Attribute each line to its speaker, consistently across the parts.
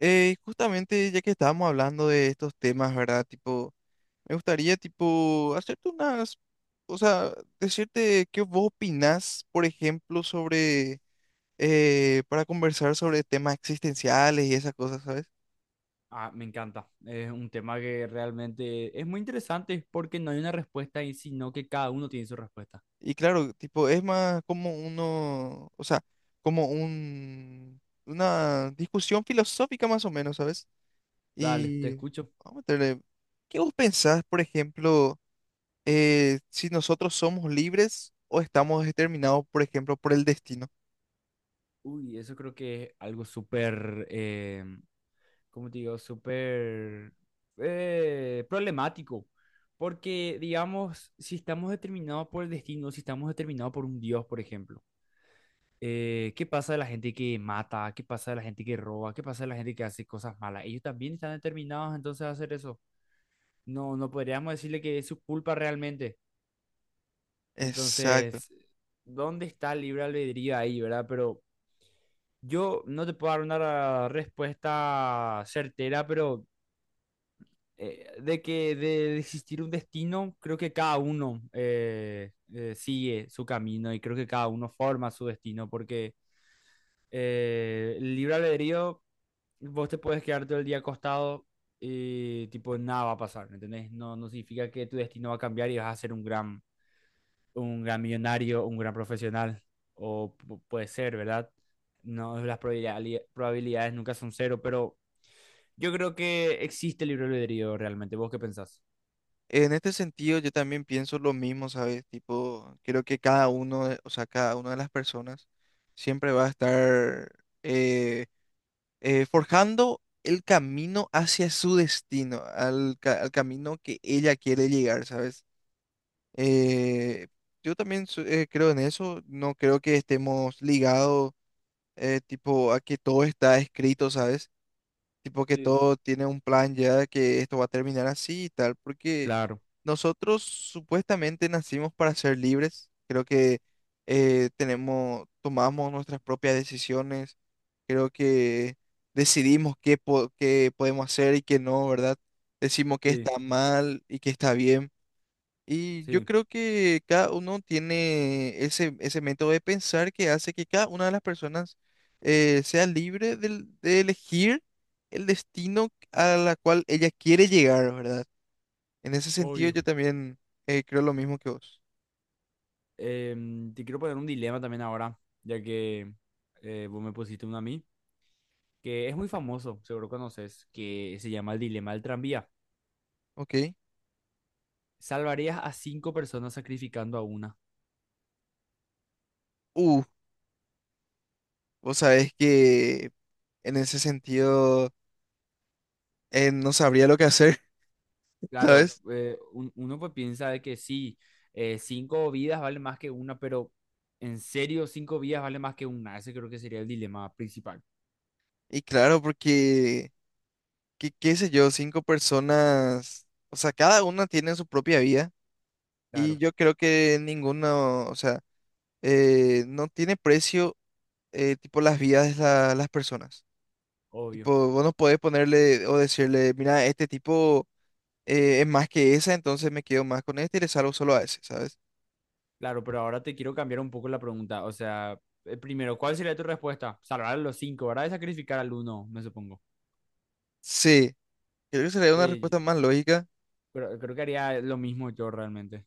Speaker 1: Justamente ya que estábamos hablando de estos temas, ¿verdad? Tipo, me gustaría, tipo, hacerte unas, o sea, decirte qué vos opinás, por ejemplo, sobre, para conversar sobre temas existenciales y esas cosas, ¿sabes?
Speaker 2: Ah, me encanta. Es un tema que realmente es muy interesante porque no hay una respuesta ahí, sino que cada uno tiene su respuesta.
Speaker 1: Y claro, tipo, es más como uno, o sea, como un, una discusión filosófica más o menos, ¿sabes?
Speaker 2: Dale, te
Speaker 1: Y
Speaker 2: escucho.
Speaker 1: vamos a meterle, ¿qué vos pensás, por ejemplo? Si nosotros somos libres o estamos determinados, por ejemplo, por el destino.
Speaker 2: Uy, eso creo que es algo súper, ¿cómo te digo? Súper problemático. Porque, digamos, si estamos determinados por el destino, si estamos determinados por un Dios, por ejemplo, ¿qué pasa de la gente que mata? ¿Qué pasa de la gente que roba? ¿Qué pasa de la gente que hace cosas malas? Ellos también están determinados entonces a hacer eso. No, no podríamos decirle que es su culpa realmente.
Speaker 1: Exacto.
Speaker 2: Entonces, ¿dónde está el libre albedrío ahí, verdad? Pero yo no te puedo dar una respuesta certera, pero de que de existir un destino, creo que cada uno sigue su camino y creo que cada uno forma su destino, porque el libre albedrío, vos te puedes quedar todo el día acostado y tipo nada va a pasar, ¿entendés? No, no significa que tu destino va a cambiar y vas a ser un gran millonario, un gran profesional, o puede ser, ¿verdad? No, las probabilidades nunca son cero, pero yo creo que existe el libre albedrío realmente. ¿Vos qué pensás?
Speaker 1: En este sentido, yo también pienso lo mismo, ¿sabes? Tipo, creo que cada uno, o sea, cada una de las personas siempre va a estar eh, forjando el camino hacia su destino, al, al camino que ella quiere llegar, ¿sabes? Eh, yo también creo en eso, no creo que estemos ligados tipo a que todo está escrito, ¿sabes? Tipo que
Speaker 2: Sí,
Speaker 1: todo tiene un plan ya, que esto va a terminar así y tal, porque
Speaker 2: claro,
Speaker 1: nosotros supuestamente nacimos para ser libres. Creo que tomamos nuestras propias decisiones. Creo que decidimos qué, qué podemos hacer y qué no, ¿verdad? Decimos qué
Speaker 2: sí,
Speaker 1: está mal y qué está bien. Y yo
Speaker 2: sí.
Speaker 1: creo que cada uno tiene ese método de pensar que hace que cada una de las personas sea libre de, elegir el destino a la cual ella quiere llegar, ¿verdad? En ese sentido
Speaker 2: Obvio.
Speaker 1: yo también creo lo mismo que vos,
Speaker 2: Te quiero poner un dilema también ahora, ya que vos me pusiste uno a mí, que es muy famoso, seguro conoces, que se llama el dilema del tranvía.
Speaker 1: ¿ok?
Speaker 2: ¿Salvarías a cinco personas sacrificando a una?
Speaker 1: Uh, vos sabés que en ese sentido no sabría lo que hacer,
Speaker 2: Claro,
Speaker 1: ¿sabes?
Speaker 2: uno pues piensa de que sí, cinco vidas vale más que una, pero en serio, cinco vidas vale más que una. Ese creo que sería el dilema principal.
Speaker 1: Y claro, porque, qué sé yo, cinco personas, o sea, cada una tiene su propia vida. Y
Speaker 2: Claro,
Speaker 1: yo creo que ninguno, o sea, no tiene precio, tipo, las vidas de las personas.
Speaker 2: obvio.
Speaker 1: Tipo, vos no podés ponerle o decirle, mira, este tipo es más que esa, entonces me quedo más con este y le salgo solo a ese, ¿sabes?
Speaker 2: Claro, pero ahora te quiero cambiar un poco la pregunta. O sea, primero, ¿cuál sería tu respuesta? Salvar a los cinco, ¿verdad? Y sacrificar al uno, me supongo.
Speaker 1: Sí, creo que sería una
Speaker 2: Eh,
Speaker 1: respuesta más lógica.
Speaker 2: creo que haría lo mismo yo realmente.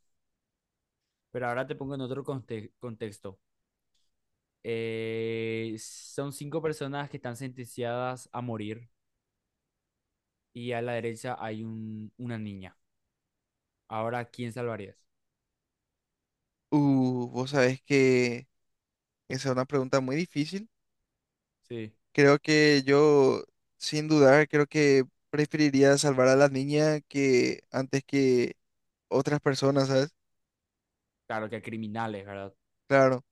Speaker 2: Pero ahora te pongo en otro contexto. Son cinco personas que están sentenciadas a morir y a la derecha hay una niña. Ahora, ¿a ¿quién salvarías?
Speaker 1: Vos sabés que esa es una pregunta muy difícil.
Speaker 2: Sí.
Speaker 1: Creo que yo, sin dudar, creo que preferiría salvar a la niña que antes que otras personas, ¿sabes?
Speaker 2: Claro que a criminales, ¿verdad?
Speaker 1: Claro.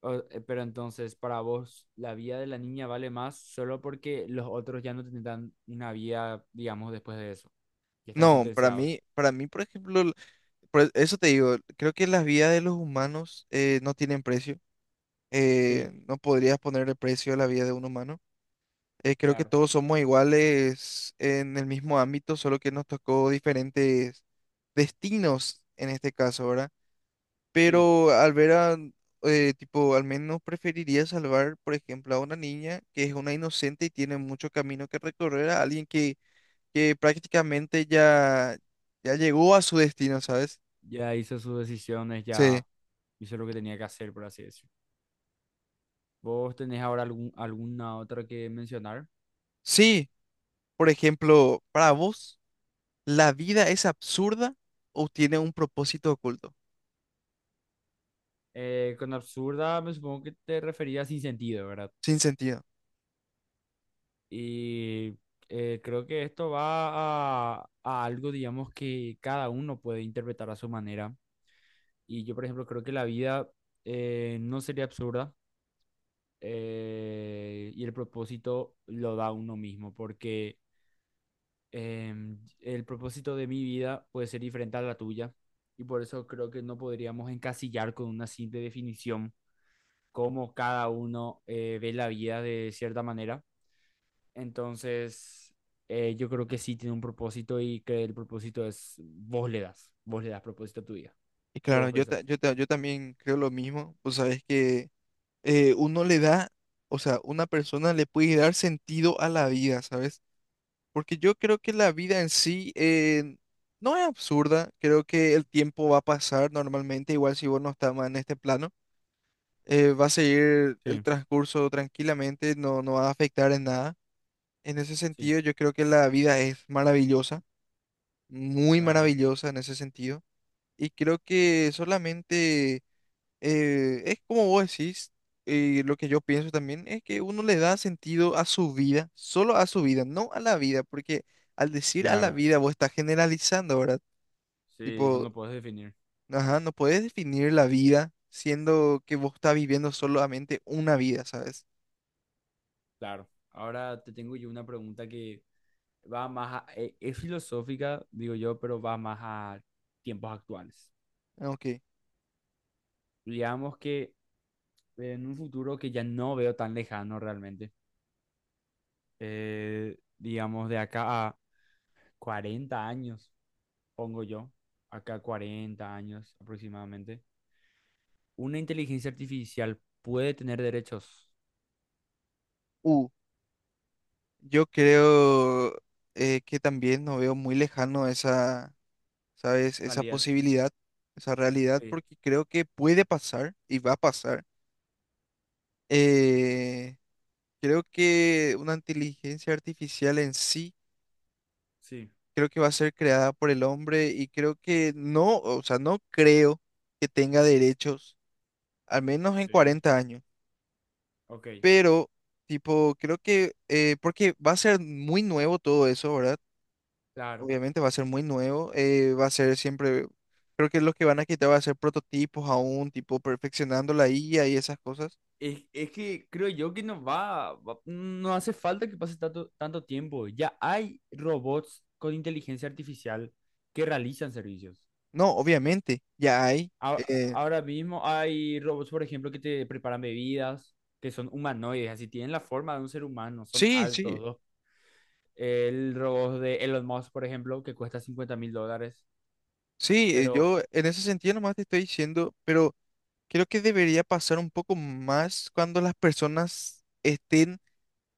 Speaker 2: Pero entonces, para vos, la vida de la niña vale más solo porque los otros ya no tendrán una vida, digamos, después de eso. Ya están
Speaker 1: No, para
Speaker 2: sentenciados.
Speaker 1: mí, para mí, por ejemplo, eso te digo, creo que las vidas de los humanos no tienen precio.
Speaker 2: Sí,
Speaker 1: No podrías ponerle precio a la vida de un humano. Creo que
Speaker 2: claro.
Speaker 1: todos somos iguales en el mismo ámbito, solo que nos tocó diferentes destinos en este caso, ¿verdad?
Speaker 2: Sí.
Speaker 1: Pero al ver a, tipo, al menos preferiría salvar, por ejemplo, a una niña que es una inocente y tiene mucho camino que recorrer a alguien que prácticamente ya llegó a su destino, ¿sabes?
Speaker 2: Ya hizo sus decisiones,
Speaker 1: Sí.
Speaker 2: ya hizo lo que tenía que hacer, por así decirlo. ¿Vos tenés ahora alguna otra que mencionar?
Speaker 1: Sí, por ejemplo, para vos, ¿la vida es absurda o tiene un propósito oculto,
Speaker 2: Con absurda me supongo que te referías sin sentido, ¿verdad?
Speaker 1: sin sentido?
Speaker 2: Y creo que esto va a algo, digamos, que cada uno puede interpretar a su manera. Y yo, por ejemplo, creo que la vida no sería absurda y el propósito lo da uno mismo, porque el propósito de mi vida puede ser diferente a la tuya. Y por eso creo que no podríamos encasillar con una simple definición cómo cada uno ve la vida de cierta manera. Entonces, yo creo que sí tiene un propósito y que el propósito es vos le das, propósito a tu vida.
Speaker 1: Y
Speaker 2: ¿Qué
Speaker 1: claro,
Speaker 2: vos pensás?
Speaker 1: yo también creo lo mismo, pues sabes que uno le da, o sea, una persona le puede dar sentido a la vida, ¿sabes? Porque yo creo que la vida en sí no es absurda, creo que el tiempo va a pasar normalmente, igual si vos no estás más en este plano. Va a seguir el
Speaker 2: Sí,
Speaker 1: transcurso tranquilamente, no va a afectar en nada. En ese
Speaker 2: sí,
Speaker 1: sentido, yo creo que la vida es maravillosa, muy
Speaker 2: claro,
Speaker 1: maravillosa en ese sentido. Y creo que solamente es como vos decís, lo que yo pienso también es que uno le da sentido a su vida, solo a su vida, no a la vida, porque al decir a la
Speaker 2: claro.
Speaker 1: vida vos estás generalizando, ¿verdad?
Speaker 2: Sí, bueno,
Speaker 1: Tipo,
Speaker 2: lo puedes definir.
Speaker 1: ajá, no puedes definir la vida siendo que vos estás viviendo solamente una vida, ¿sabes?
Speaker 2: Claro. Ahora te tengo yo una pregunta que va más a, es filosófica, digo yo, pero va más a tiempos actuales.
Speaker 1: Ok.
Speaker 2: Digamos que en un futuro que ya no veo tan lejano realmente, digamos de acá a 40 años, pongo yo, acá 40 años aproximadamente, una inteligencia artificial puede tener derechos.
Speaker 1: Uh, yo creo que también no veo muy lejano esa, ¿sabes? Esa
Speaker 2: Realidad.
Speaker 1: posibilidad, esa realidad,
Speaker 2: Sí,
Speaker 1: porque creo que puede pasar y va a pasar. Eh, creo que una inteligencia artificial en sí,
Speaker 2: sí,
Speaker 1: creo que va a ser creada por el hombre y creo que no, o sea, no creo que tenga derechos, al menos en
Speaker 2: sí.
Speaker 1: 40 años,
Speaker 2: Ok,
Speaker 1: pero tipo, creo que, porque va a ser muy nuevo todo eso, ¿verdad?
Speaker 2: claro.
Speaker 1: Obviamente va a ser muy nuevo, va a ser siempre, creo que lo que van a quitar va a ser prototipos aún, tipo perfeccionando la IA y esas cosas.
Speaker 2: Es que creo yo que no no hace falta que pase tanto, tanto tiempo. Ya hay robots con inteligencia artificial que realizan servicios.
Speaker 1: No, obviamente, ya hay.
Speaker 2: A- Ahora mismo hay robots, por ejemplo, que te preparan bebidas, que son humanoides, así tienen la forma de un ser humano, son
Speaker 1: Sí, sí,
Speaker 2: altos. El robot de Elon Musk, por ejemplo, que cuesta 50.000 dólares.
Speaker 1: sí,
Speaker 2: Pero,
Speaker 1: yo en ese sentido nomás te estoy diciendo, pero creo que debería pasar un poco más cuando las personas estén,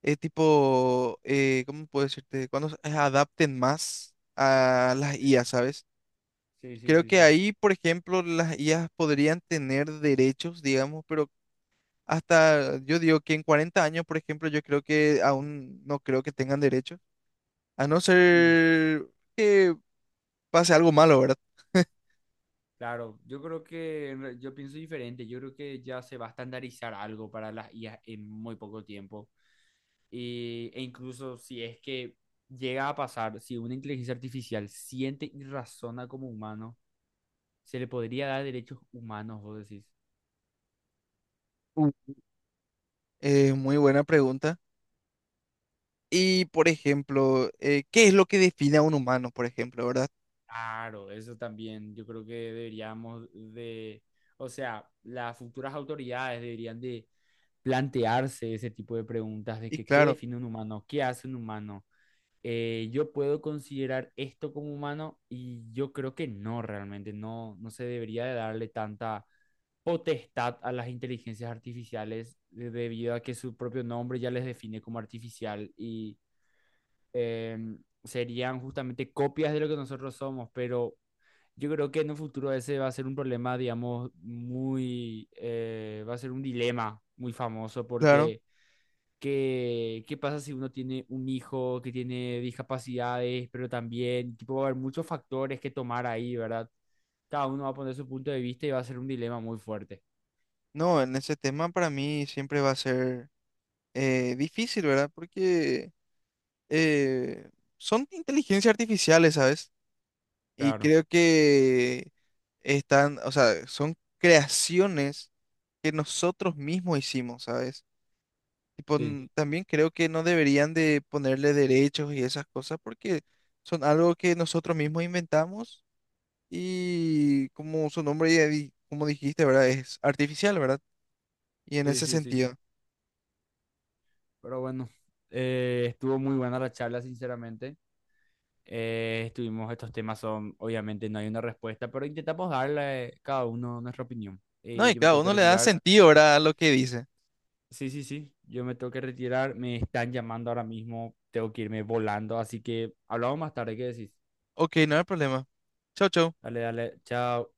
Speaker 1: ¿cómo puedo decirte? Cuando se adapten más a las
Speaker 2: sí,
Speaker 1: IA, ¿sabes?
Speaker 2: sí, sí,
Speaker 1: Creo
Speaker 2: sí,
Speaker 1: que
Speaker 2: sí.
Speaker 1: ahí, por ejemplo, las IAs podrían tener derechos, digamos, pero hasta yo digo que en 40 años, por ejemplo, yo creo que aún no creo que tengan derechos, a no
Speaker 2: mm,
Speaker 1: ser que pase algo malo, ¿verdad?
Speaker 2: claro, yo creo que en yo pienso diferente. Yo creo que ya se va a estandarizar algo para las IA en muy poco tiempo. E incluso si es que llega a pasar, si una inteligencia artificial siente y razona como humano, se le podría dar derechos humanos, vos decís.
Speaker 1: Mm. Muy buena pregunta. Y, por ejemplo, ¿qué es lo que define a un humano, por ejemplo, verdad?
Speaker 2: Claro, eso también yo creo que deberíamos de, o sea, las futuras autoridades deberían de plantearse ese tipo de preguntas de
Speaker 1: Y
Speaker 2: que qué
Speaker 1: claro,
Speaker 2: define un humano, qué hace un humano. Yo puedo considerar esto como humano y yo creo que no, realmente no, no se debería de darle tanta potestad a las inteligencias artificiales debido a que su propio nombre ya les define como artificial y eh, serían justamente copias de lo que nosotros somos, pero yo creo que en un futuro ese va a ser un problema, digamos, muy, va a ser un dilema muy famoso
Speaker 1: claro,
Speaker 2: porque... ¿Qué pasa si uno tiene un hijo que tiene discapacidades, pero también, tipo, va a haber muchos factores que tomar ahí, ¿verdad? Cada uno va a poner su punto de vista y va a ser un dilema muy fuerte.
Speaker 1: no, en ese tema para mí siempre va a ser difícil, ¿verdad? Porque eh, son inteligencias artificiales, ¿sabes? Y
Speaker 2: Claro,
Speaker 1: creo que están, o sea, son creaciones que nosotros mismos hicimos, ¿sabes? Tipo,
Speaker 2: sí,
Speaker 1: también creo que no deberían de ponerle derechos y esas cosas porque son algo que nosotros mismos inventamos y como su nombre ya como dijiste, ¿verdad? Es artificial, ¿verdad? Y en
Speaker 2: sí,
Speaker 1: ese
Speaker 2: sí, sí.
Speaker 1: sentido.
Speaker 2: Pero bueno, estuvo muy buena la charla, sinceramente. Estuvimos, estos temas son, obviamente no hay una respuesta, pero intentamos darle cada uno nuestra opinión.
Speaker 1: No, y
Speaker 2: Yo me
Speaker 1: cada
Speaker 2: tengo que
Speaker 1: uno le da
Speaker 2: retirar.
Speaker 1: sentido, ¿verdad? A lo que dice.
Speaker 2: Sí, sí, sí, yo me tengo que retirar. Me están llamando ahora mismo, tengo que irme volando, así que hablamos más tarde, ¿qué decís?
Speaker 1: Ok, no hay problema. Chau, chau.
Speaker 2: Dale, dale, chao.